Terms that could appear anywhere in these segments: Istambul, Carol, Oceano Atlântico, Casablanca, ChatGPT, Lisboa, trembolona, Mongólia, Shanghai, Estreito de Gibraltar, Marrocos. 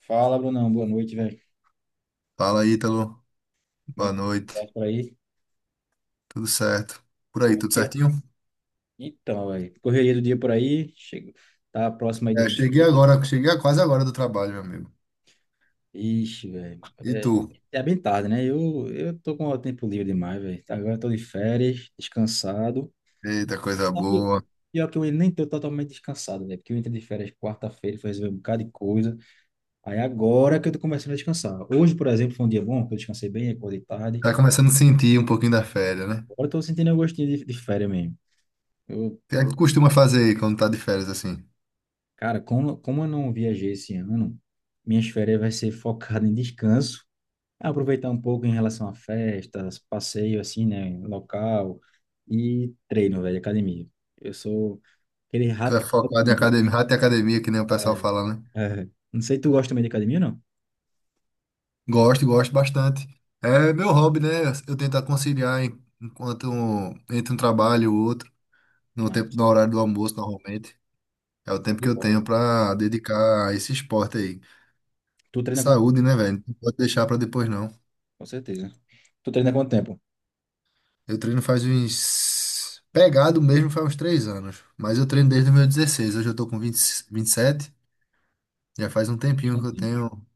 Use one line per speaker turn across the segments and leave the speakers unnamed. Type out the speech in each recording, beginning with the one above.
Fala, Brunão. Boa noite, velho.
Fala, Ítalo.
Como é
Boa
que
noite.
tá por aí?
Tudo certo? Por aí, tudo
Correria.
certinho?
Então, velho. Correria do dia por aí. Chego. Tá próximo aí
É,
do.
cheguei agora, cheguei quase agora do trabalho, meu amigo.
Ixi, velho.
E
É,
tu?
é bem tarde, né? Eu tô com o tempo livre demais, velho. Agora eu tô de férias, descansado.
Eita, coisa
Sabe?
boa.
Pior que eu nem tô totalmente descansado, velho. Porque eu entrei de férias quarta-feira, fui resolver um bocado de coisa. Aí agora que eu tô começando a descansar. Hoje, por exemplo, foi um dia bom, que eu descansei bem, acordei tarde.
Tá começando a sentir um pouquinho da férias, né?
Agora
O
eu tô sentindo o gostinho de férias mesmo. Eu.
que é que costuma fazer aí quando tá de férias assim?
Cara, como eu não viajei esse ano, minhas férias vai ser focada em descanso, aproveitar um pouco em relação a festas, passeio assim, né, local e treino, velho, academia. Eu sou aquele
Tu é
rato de
focado em
academia.
academia, rato de academia, que nem o pessoal fala, né?
É. Não sei, tu gosta também de academia, não?
Gosto, gosto bastante. É meu hobby, né? Eu tento conciliar enquanto entre um trabalho e o outro, no tempo,
Mas,
no horário do almoço, normalmente. É o tempo
que
que eu tenho
bom.
pra dedicar a esse esporte aí.
Tu treina quanto tempo?
Saúde, né, velho? Não pode deixar pra depois, não.
Com certeza. Tu treina quanto tempo?
Eu treino faz uns. Pegado mesmo faz uns três anos. Mas eu treino desde os meus 16. Hoje eu tô com vinte, 27. Já faz um tempinho que
Bastante
eu
tempo.
tenho.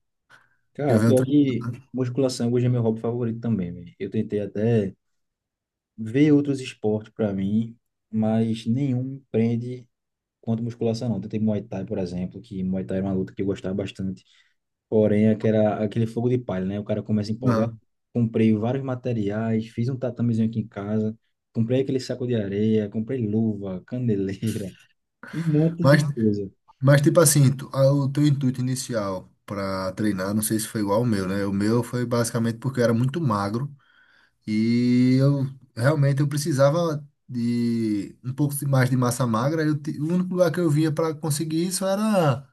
Que Eu
Cara,
venho
pior
treinando.
que musculação hoje é meu hobby favorito também, velho. Eu tentei até ver outros esportes para mim, mas nenhum me prende quanto musculação, não. Tentei Muay Thai, por exemplo, que Muay Thai era uma luta que eu gostava bastante. Porém, é que era aquele fogo de palha, né? O cara começa a empolgar.
Aham.
Comprei vários materiais, fiz um tatamezinho aqui em casa, comprei aquele saco de areia, comprei luva, candeleira, um monte
Mas,
de coisa.
mas, tipo assim, o teu intuito inicial pra treinar, não sei se foi igual ao meu, né? O meu foi basicamente porque eu era muito magro. E eu realmente eu precisava de um pouco mais de massa magra. Eu, o único lugar que eu via pra conseguir isso era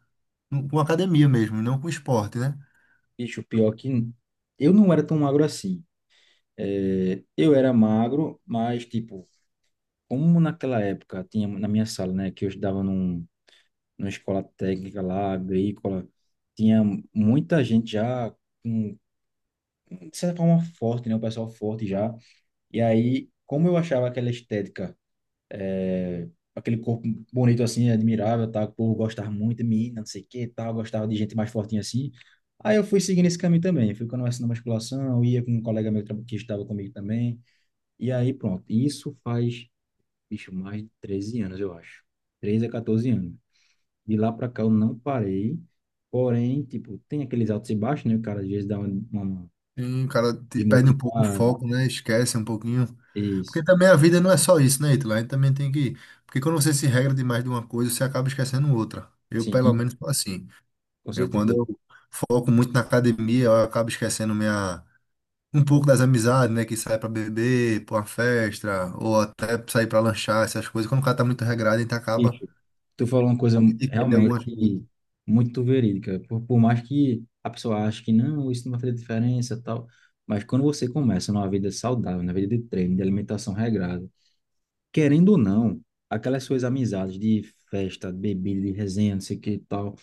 com academia mesmo, não com esporte, né?
Bicho, pior que eu não era tão magro assim. É, eu era magro, mas, tipo, como naquela época tinha na minha sala, né, que eu estudava numa escola técnica lá, agrícola. Tinha muita gente já, com, de certa forma, forte, né? O pessoal forte já. E aí, como eu achava aquela estética, é, aquele corpo bonito assim, admirável, tá. O povo gostava muito de mim, não sei o que, tal. Gostava de gente mais fortinha assim. Aí eu fui seguindo esse caminho também. Fui conversando na musculação, ia com um colega meu que estava comigo também. E aí, pronto. Isso faz, bicho, mais de 13 anos, eu acho. Treze a 14 anos. De lá pra cá eu não parei. Porém, tipo, tem aqueles altos e baixos, né? O cara às vezes dá uma
E o cara perde um pouco o
desmotivada.
foco, né? Esquece um pouquinho.
Isso.
Porque também a vida não é só isso, né, Ítalo? A gente também tem que. Porque quando você se regra demais de uma coisa, você acaba esquecendo outra. Eu, pelo
Sim,
menos, sou assim.
com
Eu, quando
certeza.
eu foco muito na academia, eu acabo esquecendo minha. Um pouco das amizades, né? Que sai pra beber, pra uma festa, ou até sair pra lanchar, essas coisas. Quando o cara tá muito regrado, a gente acaba
Bicho, tu falou uma coisa
abdicando de
realmente
algumas coisas.
muito verídica. Por mais que a pessoa ache que não, isso não vai fazer diferença, tal. Mas quando você começa numa vida saudável, na vida de treino, de alimentação regrada, querendo ou não, aquelas suas amizades de festa, de bebida, de resenha, não sei o que e tal,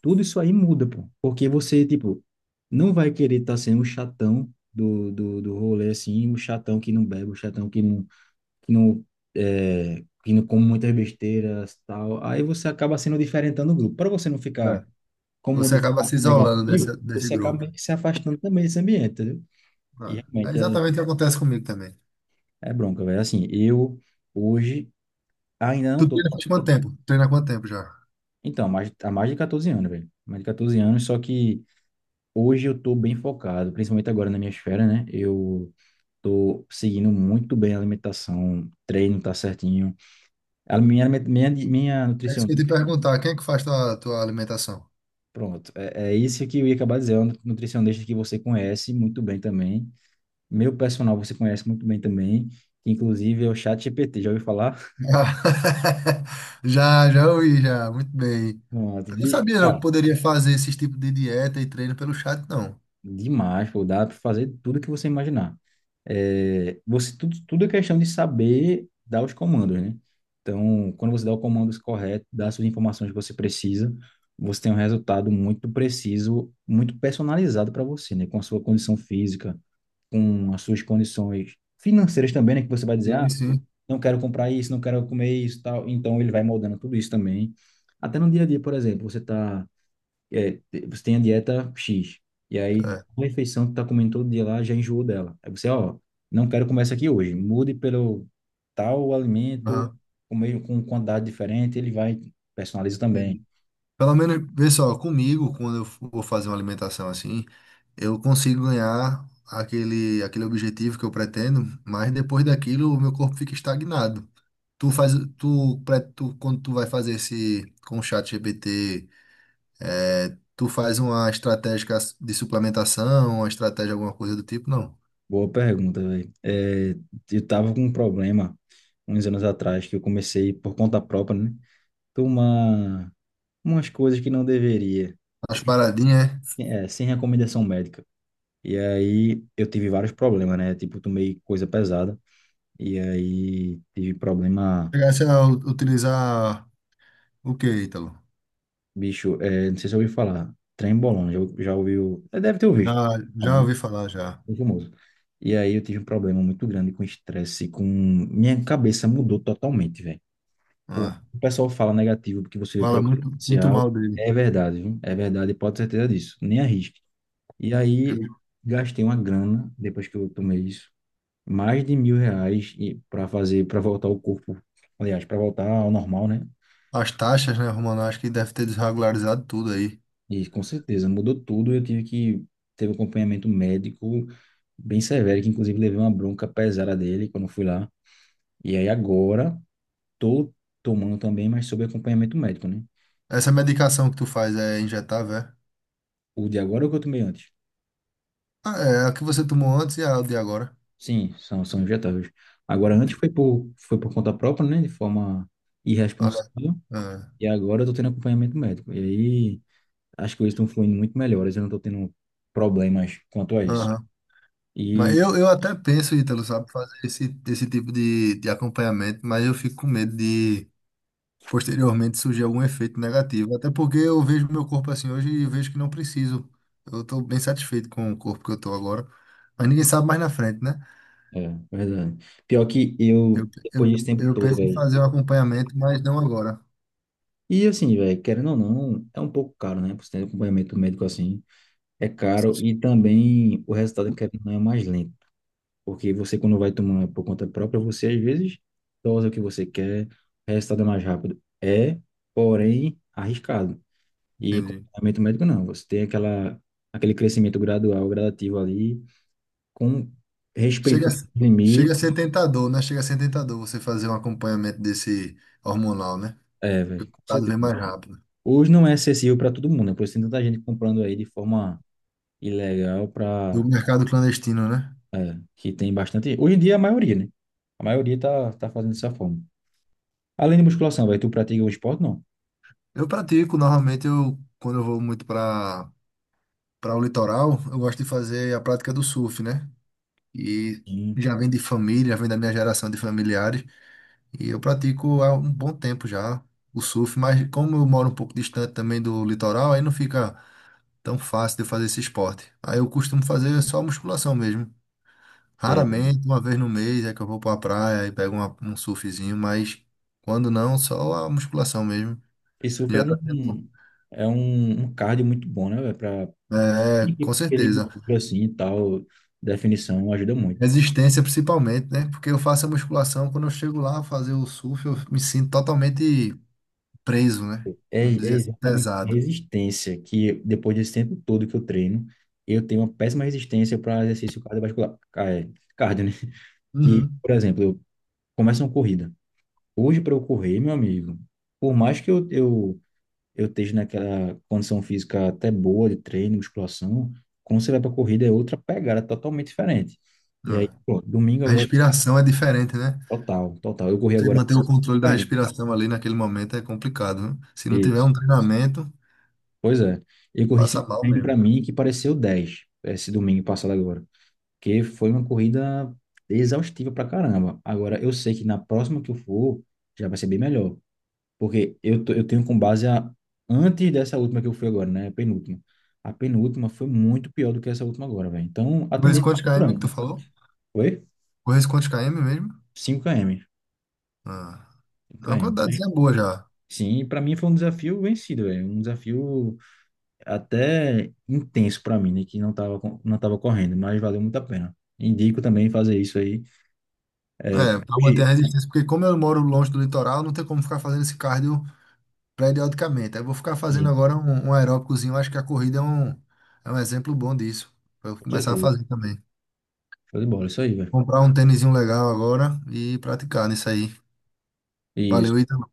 tudo isso aí muda, pô. Porque você, tipo, não vai querer estar sendo o chatão do rolê, assim, o chatão que não bebe, o chatão que não, que não come muitas besteiras, tal. Aí você acaba sendo diferentando o grupo. Para você não ficar
É.
como um
Você
de
acaba
fato
se isolando
negativo,
desse
você acaba
grupo.
meio que se afastando também desse ambiente, entendeu? E
Ah, é
realmente é,
exatamente o que acontece comigo também.
é bronca, velho. Assim, eu hoje ainda
Tu
não tô...
treina faz quanto tempo? Treina há quanto tempo já?
Então, mais, há mais de 14 anos, velho. Mais de 14 anos, só que hoje eu tô bem focado, principalmente agora na minha esfera, né? Eu tô seguindo muito bem a alimentação, treino tá certinho. A minha, aliment-, minha
É isso
nutricionista,
que eu ia te perguntar, quem é que faz tua alimentação?
pronto, é isso que eu ia acabar dizendo, é uma nutricionista que você conhece muito bem também. Meu personal você conhece muito bem também, que inclusive é o ChatGPT, já ouviu falar?
Já, já ouvi, já, muito bem.
Pronto.
Eu não
Bi-.
sabia não que poderia fazer esses tipos de dieta e treino pelo chat, não.
Demais, pô, dá para fazer tudo que você imaginar. É, você tudo, tudo é questão de saber dar os comandos, né? Então, quando você dá o comando correto, dá as suas informações que você precisa, você tem um resultado muito preciso, muito personalizado para você, né? Com a sua condição física, com as suas condições financeiras também, né? Que você vai dizer, ah,
Sim, sim.
não quero comprar isso, não quero comer isso, tal. Então, ele vai moldando tudo isso também. Até no dia a dia, por exemplo, você está é, você tem a dieta X, e aí
É.
uma refeição que tá comendo todo dia lá já enjoou dela. Aí você, ó, não quero comer essa aqui hoje, mude pelo tal alimento,
Aham.
com meio com quantidade diferente, ele vai, personaliza também.
Entendi. Pelo menos, vê só, comigo, quando eu vou fazer uma alimentação assim, eu consigo ganhar aquele objetivo que eu pretendo, mas depois daquilo o meu corpo fica estagnado. Tu faz, tu, quando tu vai fazer esse com o chat GPT, é, tu faz uma estratégia de suplementação, uma estratégia, alguma coisa do tipo, não.
Boa pergunta, velho. Eu tava com um problema uns anos atrás, que eu comecei por conta própria, né? Tomar umas coisas que não deveria,
As
sem,
paradinhas, é?
sem recomendação médica. E aí eu tive vários problemas, né? Tipo, tomei coisa pesada. E aí tive problema,
Chegasse a utilizar o que, Ítalo?
bicho, não sei se eu ouviu falar, trembolona, já ouviu, é, deve ter
Já,
ouvido, falar,
já
né?
ouvi falar, já.
É famoso. E aí eu tive um problema muito grande com estresse, com... Minha cabeça mudou totalmente, velho. O
Ah,
o pessoal fala negativo porque você vê por
fala
aí no
muito
social,
mal dele.
é verdade, viu? É verdade, pode ter certeza disso, nem arrisque. E aí gastei uma grana, depois que eu tomei isso, mais de R$ 1.000 e para fazer, para voltar o corpo, aliás, para voltar ao normal, né?
As taxas, né, Romano? Acho que deve ter desregularizado tudo aí.
E com certeza, mudou tudo. Eu tive que ter um acompanhamento médico bem severo, que inclusive levei uma bronca pesada dele quando fui lá. E aí agora tô tomando também, mas sob acompanhamento médico, né?
Essa medicação que tu faz é injetável, é?
O de agora é o que eu tomei antes.
Ah, é a que você tomou antes e a de agora.
Sim, são injetáveis. Agora antes foi por conta própria, né? De forma
Ah,
irresponsável.
é.
E agora eu tô tendo acompanhamento médico. E aí as coisas estão fluindo muito melhores. Eu não tô tendo problemas quanto a isso.
Ah, mas
E.
eu até penso, Ítalo, sabe, fazer esse tipo de acompanhamento, mas eu fico com medo de posteriormente surgir algum efeito negativo. Até porque eu vejo meu corpo assim hoje e vejo que não preciso. Eu estou bem satisfeito com o corpo que eu estou agora. Mas ninguém sabe mais na frente, né?
É, verdade. Pior que eu,
Eu,
depois
eu,
desse tempo
eu
todo,
penso em
velho.
fazer um acompanhamento, mas não agora.
E assim, velho, querendo ou não, é um pouco caro, né? Por você ter acompanhamento médico assim, é caro e também o resultado, querendo ou não, é mais lento. Porque você, quando vai tomando por conta própria, você às vezes dosa o que você quer, o resultado é mais rápido. É, porém, arriscado. E
Entendi.
acompanhamento médico não. Você tem aquela, aquele crescimento gradual, gradativo ali, com
Chega, a
respeitando os
chega a
limites.
ser tentador, né? Chega a ser tentador você fazer um acompanhamento desse hormonal, né?
É, velho,
Porque o
com
resultado
certeza.
vem mais rápido.
Hoje não é acessível para todo mundo, né? Por isso tem tanta gente comprando aí de forma ilegal
Do
para
mercado clandestino, né?
que tem bastante. Hoje em dia a maioria, né? A maioria tá fazendo dessa forma. Além de musculação, vai, tu pratica um esporte? Não.
Eu pratico, normalmente eu, quando eu vou muito para o litoral, eu gosto de fazer a prática do surf, né? E
Sim.
já vem de família, já vem da minha geração de familiares, e eu pratico há um bom tempo já o surf, mas como eu moro um pouco distante também do litoral, aí não fica tão fácil de eu fazer esse esporte. Aí eu costumo fazer só musculação mesmo.
É,
Raramente, uma vez no mês, é que eu vou para a praia e pego um surfzinho, mas quando não, só a musculação mesmo.
e surf é
Já tá sendo
um é um cardio muito bom, né, velho? Para
é, com
ele
certeza.
gordura assim e tal, definição ajuda muito.
Resistência principalmente, né? Porque eu faço a musculação, quando eu chego lá a fazer o surf, eu me sinto totalmente preso, né?
É,
Vamos dizer
é
assim,
exatamente
pesado.
resistência que depois desse tempo todo que eu treino, eu tenho uma péssima resistência para exercício cardiovascular, ca-, é, cardio, né? Que,
Uhum.
por exemplo, eu começo uma corrida. Hoje, para eu correr, meu amigo, por mais que eu esteja naquela condição física até boa de treino, musculação, quando você vai para corrida é outra pegada totalmente diferente. E aí,
É.
pô, domingo
A
agora,
respiração é diferente, né?
total, total. Eu corri
Você
agora
manter o
5
controle da
km.
respiração ali naquele momento é complicado, né? Se não tiver
Isso.
um treinamento,
Pois é. Eu corri
passa
5
mal
km
mesmo.
para mim, que pareceu 10 esse domingo passado agora. Porque foi uma corrida exaustiva pra caramba. Agora, eu sei que na próxima que eu for, já vai ser bem melhor. Porque eu, tô-, eu tenho com base a antes dessa última que eu fui agora, né? A penúltima. A penúltima foi muito pior do que essa última agora, velho. Então, a
Correr
tendência
quantos
é por
km
ano,
que tu
né?
falou?
Foi?
Correr quantos km mesmo?
5 km.
Ah,
cinco
é uma
km. Mas,
quantidadezinha boa já.
sim, para mim foi um desafio vencido, velho. Um desafio até intenso para mim, né? Que não tava, co-, não tava correndo, mas valeu muito a pena. Indico também fazer isso aí.
É, pra manter a
E,
resistência, porque como eu moro longe do litoral, não tem como ficar fazendo esse cardio periodicamente. Aí eu vou ficar fazendo
e,
agora um aeróbicozinho. Acho que a corrida é um exemplo bom disso. Pra eu
com
começar a
certeza.
fazer também.
Show de bola, isso aí, velho.
Comprar um tênisinho legal agora e praticar nisso aí.
Isso.
Valeu, Ítalo.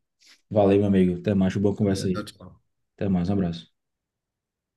Valeu, meu amigo. Até mais. Foi uma boa conversa
Valeu,
aí.
tchau, tchau.
Até mais. Um abraço.